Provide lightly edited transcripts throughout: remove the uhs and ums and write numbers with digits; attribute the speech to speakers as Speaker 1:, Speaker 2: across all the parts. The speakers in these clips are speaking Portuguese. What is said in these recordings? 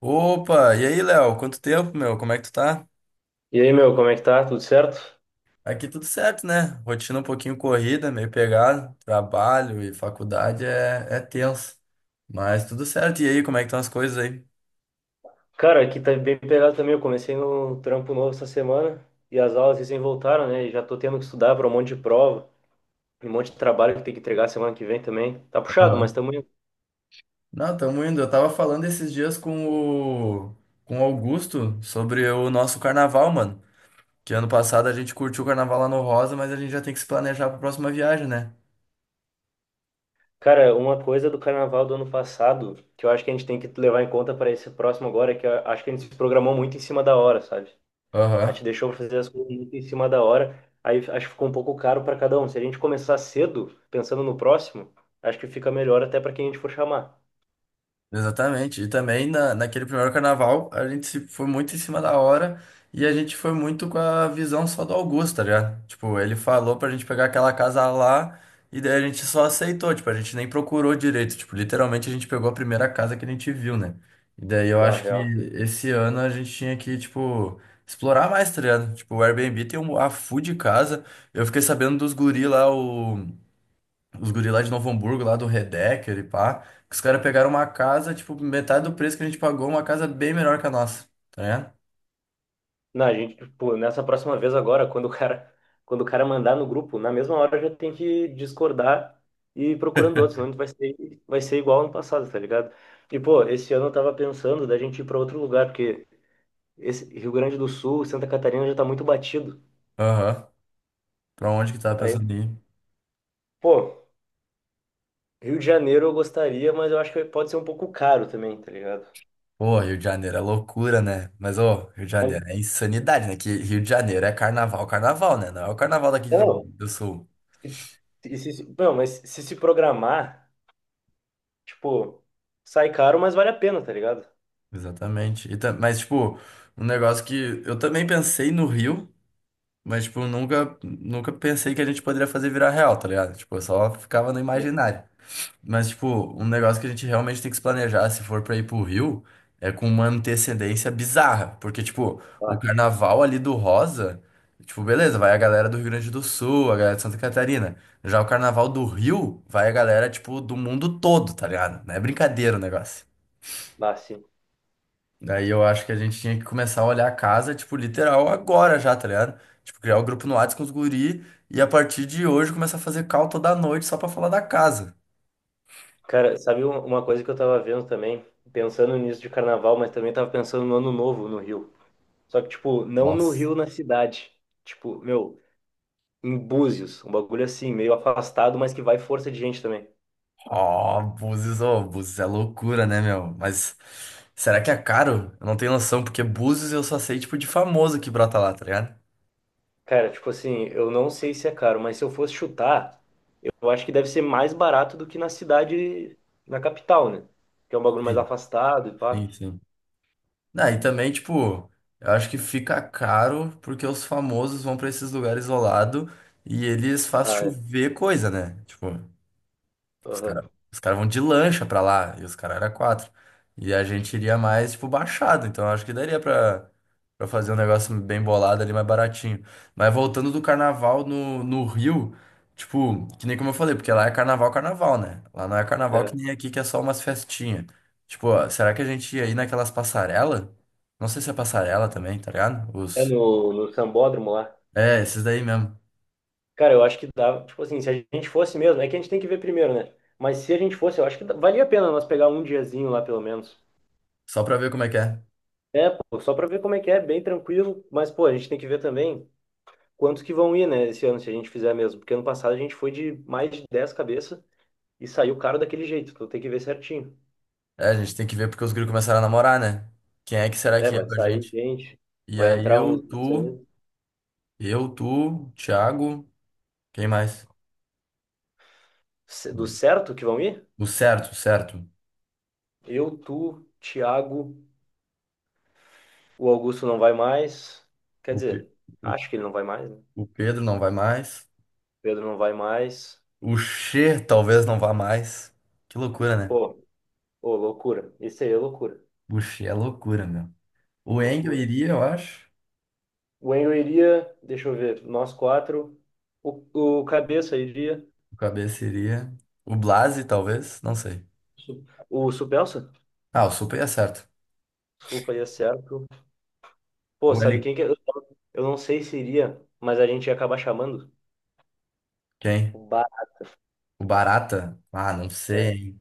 Speaker 1: Opa, e aí, Léo? Quanto tempo, meu? Como é que tu tá?
Speaker 2: E aí, meu, como é que tá? Tudo certo?
Speaker 1: Aqui tudo certo, né? Rotina um pouquinho corrida, meio pegado. Trabalho e faculdade é tenso. Mas tudo certo. E aí, como é que estão as coisas aí?
Speaker 2: Cara, aqui tá bem pegado também. Eu comecei no trampo novo essa semana e as aulas recém voltaram, né? E já tô tendo que estudar para um monte de prova e um monte de trabalho que tem que entregar semana que vem também. Tá puxado, mas
Speaker 1: Aham.
Speaker 2: tamo indo.
Speaker 1: Não, tamo indo. Eu tava falando esses dias com o, o Augusto sobre o nosso carnaval, mano. Que ano passado a gente curtiu o carnaval lá no Rosa, mas a gente já tem que se planejar pra próxima viagem, né?
Speaker 2: Cara, uma coisa do carnaval do ano passado que eu acho que a gente tem que levar em conta para esse próximo agora é que eu acho que a gente se programou muito em cima da hora, sabe? A gente
Speaker 1: Aham.
Speaker 2: deixou pra fazer as coisas muito em cima da hora, aí acho que ficou um pouco caro para cada um. Se a gente começar cedo, pensando no próximo, acho que fica melhor até para quem a gente for chamar.
Speaker 1: Exatamente. E também naquele primeiro carnaval, a gente foi muito em cima da hora e a gente foi muito com a visão só do Augusto, tá ligado? Tipo, ele falou pra gente pegar aquela casa lá e daí a gente só aceitou, tipo, a gente nem procurou direito. Tipo, literalmente a gente pegou a primeira casa que a gente viu, né? E daí eu
Speaker 2: Bah,
Speaker 1: acho que
Speaker 2: real.
Speaker 1: esse ano a gente tinha que, tipo, explorar mais, tá ligado? Tipo, o Airbnb tem a full de casa. Eu fiquei sabendo dos guri lá, o. Os guri lá de Novo Hamburgo, lá do Redecker e pá. Que os caras pegaram uma casa, tipo, metade do preço que a gente pagou, uma casa bem melhor que a nossa. Tá ligado?
Speaker 2: Não, a gente, tipo, nessa próxima vez agora, quando o cara mandar no grupo, na mesma hora já tem que discordar e ir procurando outros, senão a gente vai ser igual ano passado, tá ligado? E, pô, esse ano eu tava pensando da gente ir pra outro lugar, porque esse Rio Grande do Sul, Santa Catarina já tá muito batido.
Speaker 1: Aham. Pra onde que tava
Speaker 2: Daí,
Speaker 1: pensando em ir?
Speaker 2: pô, Rio de Janeiro eu gostaria, mas eu acho que pode ser um pouco caro também, tá ligado?
Speaker 1: Pô, Rio de Janeiro é loucura, né? Mas, ô, Rio de
Speaker 2: É.
Speaker 1: Janeiro é insanidade, né? Que Rio de Janeiro é carnaval, carnaval, né? Não é o carnaval
Speaker 2: Não,
Speaker 1: do Sul.
Speaker 2: se- não, mas se programar, tipo, sai caro, mas vale a pena, tá ligado?
Speaker 1: Exatamente. Mas, tipo, um negócio que eu também pensei no Rio, mas, tipo, nunca pensei que a gente poderia fazer virar real, tá ligado? Tipo, eu só ficava no
Speaker 2: Sim.
Speaker 1: imaginário. Mas, tipo, um negócio que a gente realmente tem que se planejar se for pra ir pro Rio é com uma antecedência bizarra. Porque, tipo, o
Speaker 2: Bah,
Speaker 1: carnaval ali do Rosa, tipo, beleza, vai a galera do Rio Grande do Sul, a galera de Santa Catarina. Já o carnaval do Rio, vai a galera, tipo, do mundo todo, tá ligado? Não é brincadeira o negócio.
Speaker 2: bah, sim.
Speaker 1: Daí eu acho que a gente tinha que começar a olhar a casa, tipo, literal agora já, tá ligado? Tipo, criar o grupo no WhatsApp com os guri e a partir de hoje começar a fazer call toda noite só pra falar da casa.
Speaker 2: Cara, sabe uma coisa que eu tava vendo também? Pensando nisso de carnaval, mas também tava pensando no Ano Novo no Rio. Só que, tipo, não no
Speaker 1: Nossa.
Speaker 2: Rio, na cidade. Tipo, meu, em Búzios. Um bagulho assim, meio afastado, mas que vai força de gente também.
Speaker 1: Ó, Búzios, ô, Búzios é loucura, né, meu? Mas será que é caro? Eu não tenho noção, porque Búzios eu só sei, tipo, de famoso que brota lá, tá ligado?
Speaker 2: Cara, tipo assim, eu não sei se é caro, mas se eu fosse chutar, eu acho que deve ser mais barato do que na cidade, na capital, né? Que é um bagulho mais
Speaker 1: Sim,
Speaker 2: afastado e
Speaker 1: sim,
Speaker 2: pá.
Speaker 1: sim. Ah, e também, tipo, eu acho que fica caro porque os famosos vão pra esses lugares isolados e eles fazem
Speaker 2: Ah, é.
Speaker 1: chover coisa, né? Tipo, Os
Speaker 2: Aham.
Speaker 1: caras os cara vão de lancha pra lá, e os caras eram quatro. E a gente iria mais, tipo, baixado, então acho que daria pra fazer um negócio bem bolado ali, mais baratinho. Mas voltando do carnaval no Rio, tipo, que nem como eu falei, porque lá é carnaval, carnaval, né? Lá não é carnaval que
Speaker 2: É,
Speaker 1: nem aqui, que é só umas festinhas. Tipo, ó, será que a gente ia ir naquelas passarela? Não sei se é passarela também, tá ligado?
Speaker 2: é
Speaker 1: Os...
Speaker 2: no Sambódromo lá.
Speaker 1: É, esses daí mesmo.
Speaker 2: Cara, eu acho que dá, tipo assim, se a gente fosse mesmo, é que a gente tem que ver primeiro, né? Mas se a gente fosse, eu acho que valia a pena nós pegar um diazinho lá, pelo menos.
Speaker 1: Só pra ver como é que é.
Speaker 2: É, pô, só pra ver como é que é, bem tranquilo, mas, pô, a gente tem que ver também quantos que vão ir, né, esse ano, se a gente fizer mesmo. Porque ano passado a gente foi de mais de 10 cabeças e saiu caro daquele jeito, então tem que ver certinho.
Speaker 1: É, a gente tem que ver porque os gringos começaram a namorar, né? Quem é que será
Speaker 2: É,
Speaker 1: que ia
Speaker 2: vai
Speaker 1: com a
Speaker 2: sair
Speaker 1: gente?
Speaker 2: gente,
Speaker 1: E
Speaker 2: vai
Speaker 1: aí
Speaker 2: entrar
Speaker 1: eu,
Speaker 2: uns
Speaker 1: tu,
Speaker 2: aí.
Speaker 1: eu, tu, Thiago, quem mais?
Speaker 2: C- Do certo que vão ir?
Speaker 1: O certo, o certo.
Speaker 2: Eu, tu, Thiago, o Augusto não vai mais. Quer
Speaker 1: O, Pe-
Speaker 2: dizer,
Speaker 1: o,
Speaker 2: acho que ele não vai mais, né?
Speaker 1: o Pedro não vai mais.
Speaker 2: Pedro não vai mais.
Speaker 1: O Che talvez não vá mais. Que loucura, né?
Speaker 2: Pô, pô, loucura. Esse aí é loucura.
Speaker 1: O Che é loucura, meu. O Engel
Speaker 2: Loucura.
Speaker 1: iria, eu acho.
Speaker 2: O Enio iria, deixa eu ver, nós quatro. O Cabeça iria.
Speaker 1: O Cabeça iria. O Blase, talvez, não sei.
Speaker 2: O Supelsa?
Speaker 1: Ah, o Super é certo.
Speaker 2: Supa ia certo. Pô,
Speaker 1: O
Speaker 2: sabe
Speaker 1: L...
Speaker 2: quem que é? Eu não sei se iria, mas a gente ia acabar chamando.
Speaker 1: Quem?
Speaker 2: O Bar.
Speaker 1: O Barata? Ah, não sei,
Speaker 2: É,
Speaker 1: hein?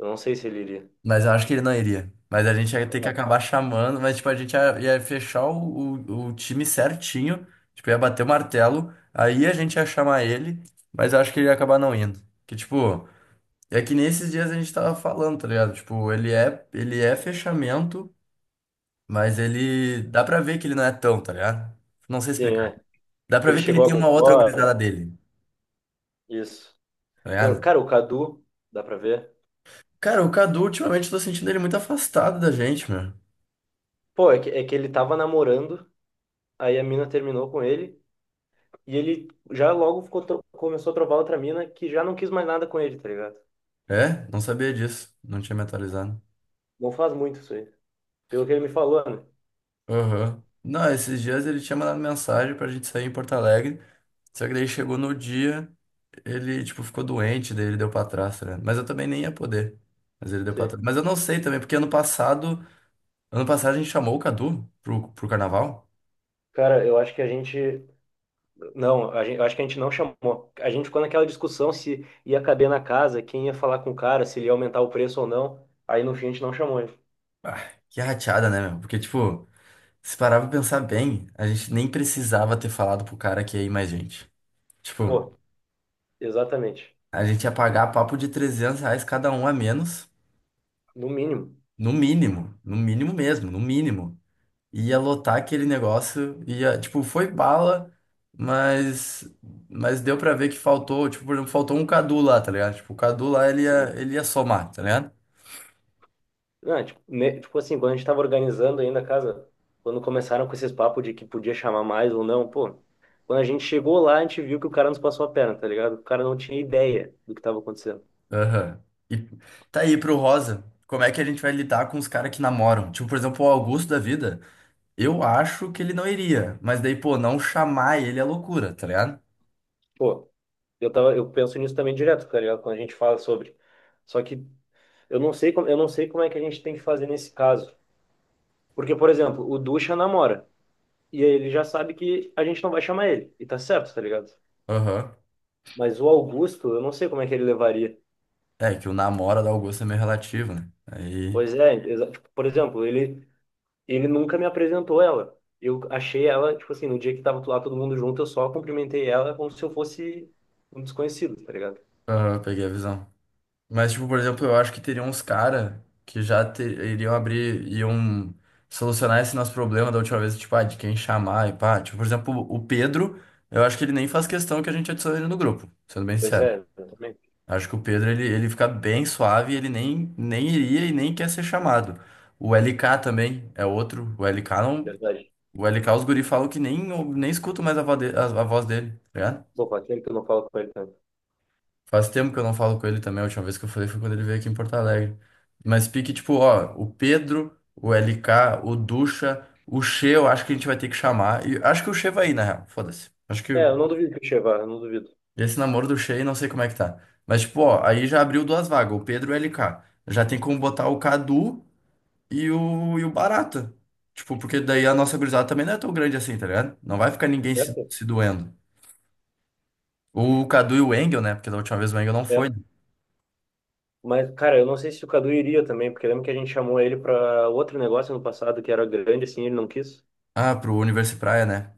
Speaker 2: eu não sei se ele iria.
Speaker 1: Mas eu acho que ele não iria. Mas a gente ia ter que
Speaker 2: É,
Speaker 1: acabar chamando, mas tipo, a gente ia fechar o time certinho, tipo, ia bater o martelo, aí a gente ia chamar ele, mas eu acho que ele ia acabar não indo. Que tipo, é que nesses dias a gente tava falando, tá ligado? Tipo, ele é fechamento, mas ele dá pra ver que ele não é tão, tá ligado? Não sei
Speaker 2: sim,
Speaker 1: explicar.
Speaker 2: é.
Speaker 1: Dá pra
Speaker 2: Que ele
Speaker 1: ver que ele
Speaker 2: chegou
Speaker 1: tem uma outra gurizada
Speaker 2: agora.
Speaker 1: dele,
Speaker 2: Isso.
Speaker 1: tá ligado?
Speaker 2: Cara, o Cadu, dá pra ver.
Speaker 1: Cara, o Cadu ultimamente eu tô sentindo ele muito afastado da gente, meu.
Speaker 2: Pô, é que ele tava namorando, aí a mina terminou com ele. E ele já logo ficou, começou a trovar outra mina que já não quis mais nada com ele, tá ligado?
Speaker 1: É? Não sabia disso. Não tinha me atualizado.
Speaker 2: Não faz muito isso aí. Pelo que ele me falou, né?
Speaker 1: Aham. Não, esses dias ele tinha mandado mensagem pra gente sair em Porto Alegre. Só que daí chegou no dia, ele, tipo, ficou doente, daí ele deu pra trás, tá ligado? Mas eu também nem ia poder. Mas ele deu pra
Speaker 2: Sim.
Speaker 1: trás. Mas eu não sei também, porque ano passado a gente chamou o Cadu pro carnaval.
Speaker 2: Cara, eu acho que a gente. Não, a gente, eu acho que a gente não chamou. A gente ficou naquela discussão se ia caber na casa, quem ia falar com o cara, se ele ia aumentar o preço ou não. Aí no fim a gente não chamou ele.
Speaker 1: Ah, que rateada, né, meu? Porque, tipo, se parava pra pensar bem, a gente nem precisava ter falado pro cara que ia ir mais gente. Tipo,
Speaker 2: Pô, exatamente.
Speaker 1: a gente ia pagar papo de 300 reais cada um a menos,
Speaker 2: No mínimo.
Speaker 1: no mínimo, no mínimo mesmo, no mínimo. Ia lotar aquele negócio, ia, tipo, foi bala, mas mas deu pra ver que faltou, tipo, por exemplo, faltou um Cadu lá, tá ligado? Tipo, o Cadu lá ele ia,
Speaker 2: Sim.
Speaker 1: ele ia somar, tá ligado?
Speaker 2: Não, é, tipo, tipo assim, quando a gente tava organizando ainda a casa, quando começaram com esses papos de que podia chamar mais ou não, pô, quando a gente chegou lá, a gente viu que o cara nos passou a perna, tá ligado? O cara não tinha ideia do que tava acontecendo.
Speaker 1: Aham. E tá aí pro Rosa, como é que a gente vai lidar com os caras que namoram? Tipo, por exemplo, o Augusto da vida, eu acho que ele não iria, mas daí, pô, não chamar ele é loucura, tá ligado?
Speaker 2: Pô, eu penso nisso também direto, tá ligado? Quando a gente fala sobre. Só que eu não sei como é que a gente tem que fazer nesse caso. Porque, por exemplo, o Ducha namora, e aí ele já sabe que a gente não vai chamar ele, e tá certo, tá ligado?
Speaker 1: Aham.
Speaker 2: Mas o Augusto, eu não sei como é que ele levaria.
Speaker 1: É que o namoro do Augusto é meio relativo, né? Aí,
Speaker 2: Pois é, exa- tipo, por exemplo, ele nunca me apresentou ela. Eu achei ela, tipo assim, no dia que tava lá todo mundo junto, eu só cumprimentei ela como se eu fosse um desconhecido, tá ligado?
Speaker 1: aham, peguei a visão. Mas, tipo, por exemplo, eu acho que teriam uns cara que iriam abrir, iam solucionar esse nosso problema da última vez, tipo, ah, de quem chamar e pá. Tipo, por exemplo, o Pedro, eu acho que ele nem, faz questão que a gente adicione ele no grupo, sendo bem
Speaker 2: Pois
Speaker 1: sincero.
Speaker 2: é, eu também,
Speaker 1: Acho que o Pedro, ele fica bem suave, ele nem iria e nem quer ser chamado. O LK também é outro. O LK não.
Speaker 2: verdade.
Speaker 1: O LK, os guri falam que nem escuto mais a voz dele, tá ligado?
Speaker 2: Pô, faz tempo que eu não falo com ele tanto.
Speaker 1: Faz tempo que eu não falo com ele também. A última vez que eu falei foi quando ele veio aqui em Porto Alegre. Mas pique, tipo, ó, o Pedro, o LK, o Ducha, o Che, eu acho que a gente vai ter que chamar. E acho que o Che vai ir, na real. Foda-se. Acho que
Speaker 2: É, eu não duvido que o Che vá, eu não duvido.
Speaker 1: esse namoro do Che, não sei como é que tá. Mas, tipo, ó, aí já abriu duas vagas, o Pedro e o LK. Já tem como botar o Cadu e o Barata. Tipo, porque daí a nossa gurizada também não é tão grande assim, tá ligado? Não vai ficar ninguém
Speaker 2: É,
Speaker 1: se,
Speaker 2: pô,
Speaker 1: se doendo. O Cadu e o Engel, né? Porque da última vez o Engel não
Speaker 2: é.
Speaker 1: foi, né?
Speaker 2: Mas, cara, eu não sei se o Cadu iria também, porque lembra que a gente chamou ele pra outro negócio no passado que era grande, assim, ele não quis.
Speaker 1: Ah, pro Universo e Praia, né?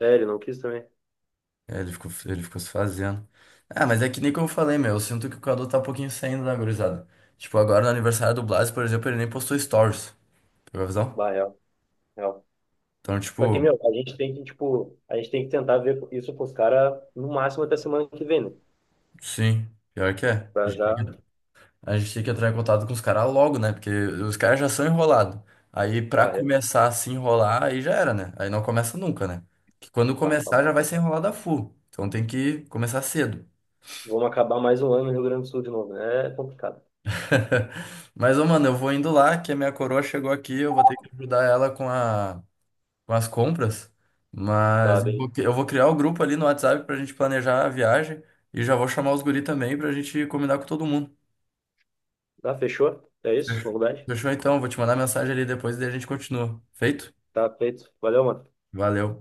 Speaker 2: É, ele não quis também.
Speaker 1: É, ele ficou se fazendo. Ah, mas é que nem como eu falei, meu. Eu sinto que o Cadu tá um pouquinho saindo da gurizada. Tipo, agora no aniversário do Blas, por exemplo, ele nem postou stories. Pegou a visão?
Speaker 2: Bah, real, real.
Speaker 1: Então,
Speaker 2: Só que,
Speaker 1: tipo,
Speaker 2: meu, a gente tem que, tipo, a gente tem que tentar ver isso pros caras no máximo até semana que vem, né?
Speaker 1: sim. Pior que é. A
Speaker 2: Pra
Speaker 1: gente tem
Speaker 2: já,
Speaker 1: que, a gente tem que entrar em contato com os caras logo, né? Porque os caras já são enrolados. Aí, pra
Speaker 2: bah, real.
Speaker 1: começar a se enrolar, aí já era, né? Aí não começa nunca, né? Que quando
Speaker 2: Bah, tá
Speaker 1: começar, já vai
Speaker 2: complicado.
Speaker 1: ser enrolado a full. Então tem que começar cedo.
Speaker 2: Vamos acabar mais um ano no Rio Grande do Sul de novo, né? É complicado.
Speaker 1: Mas, ô, mano, eu vou indo lá, que a minha coroa chegou aqui. Eu vou ter que ajudar ela com a com as compras,
Speaker 2: Tá,
Speaker 1: mas eu
Speaker 2: daí.
Speaker 1: vou eu vou criar o grupo ali no WhatsApp pra gente planejar a viagem e já vou chamar os guri também pra gente combinar com todo mundo.
Speaker 2: Tá, fechou? É isso?
Speaker 1: Fechou.
Speaker 2: Faculdade?
Speaker 1: Fechou, então, vou te mandar mensagem ali depois e daí a gente continua. Feito?
Speaker 2: Tá feito. Valeu, mano.
Speaker 1: Valeu.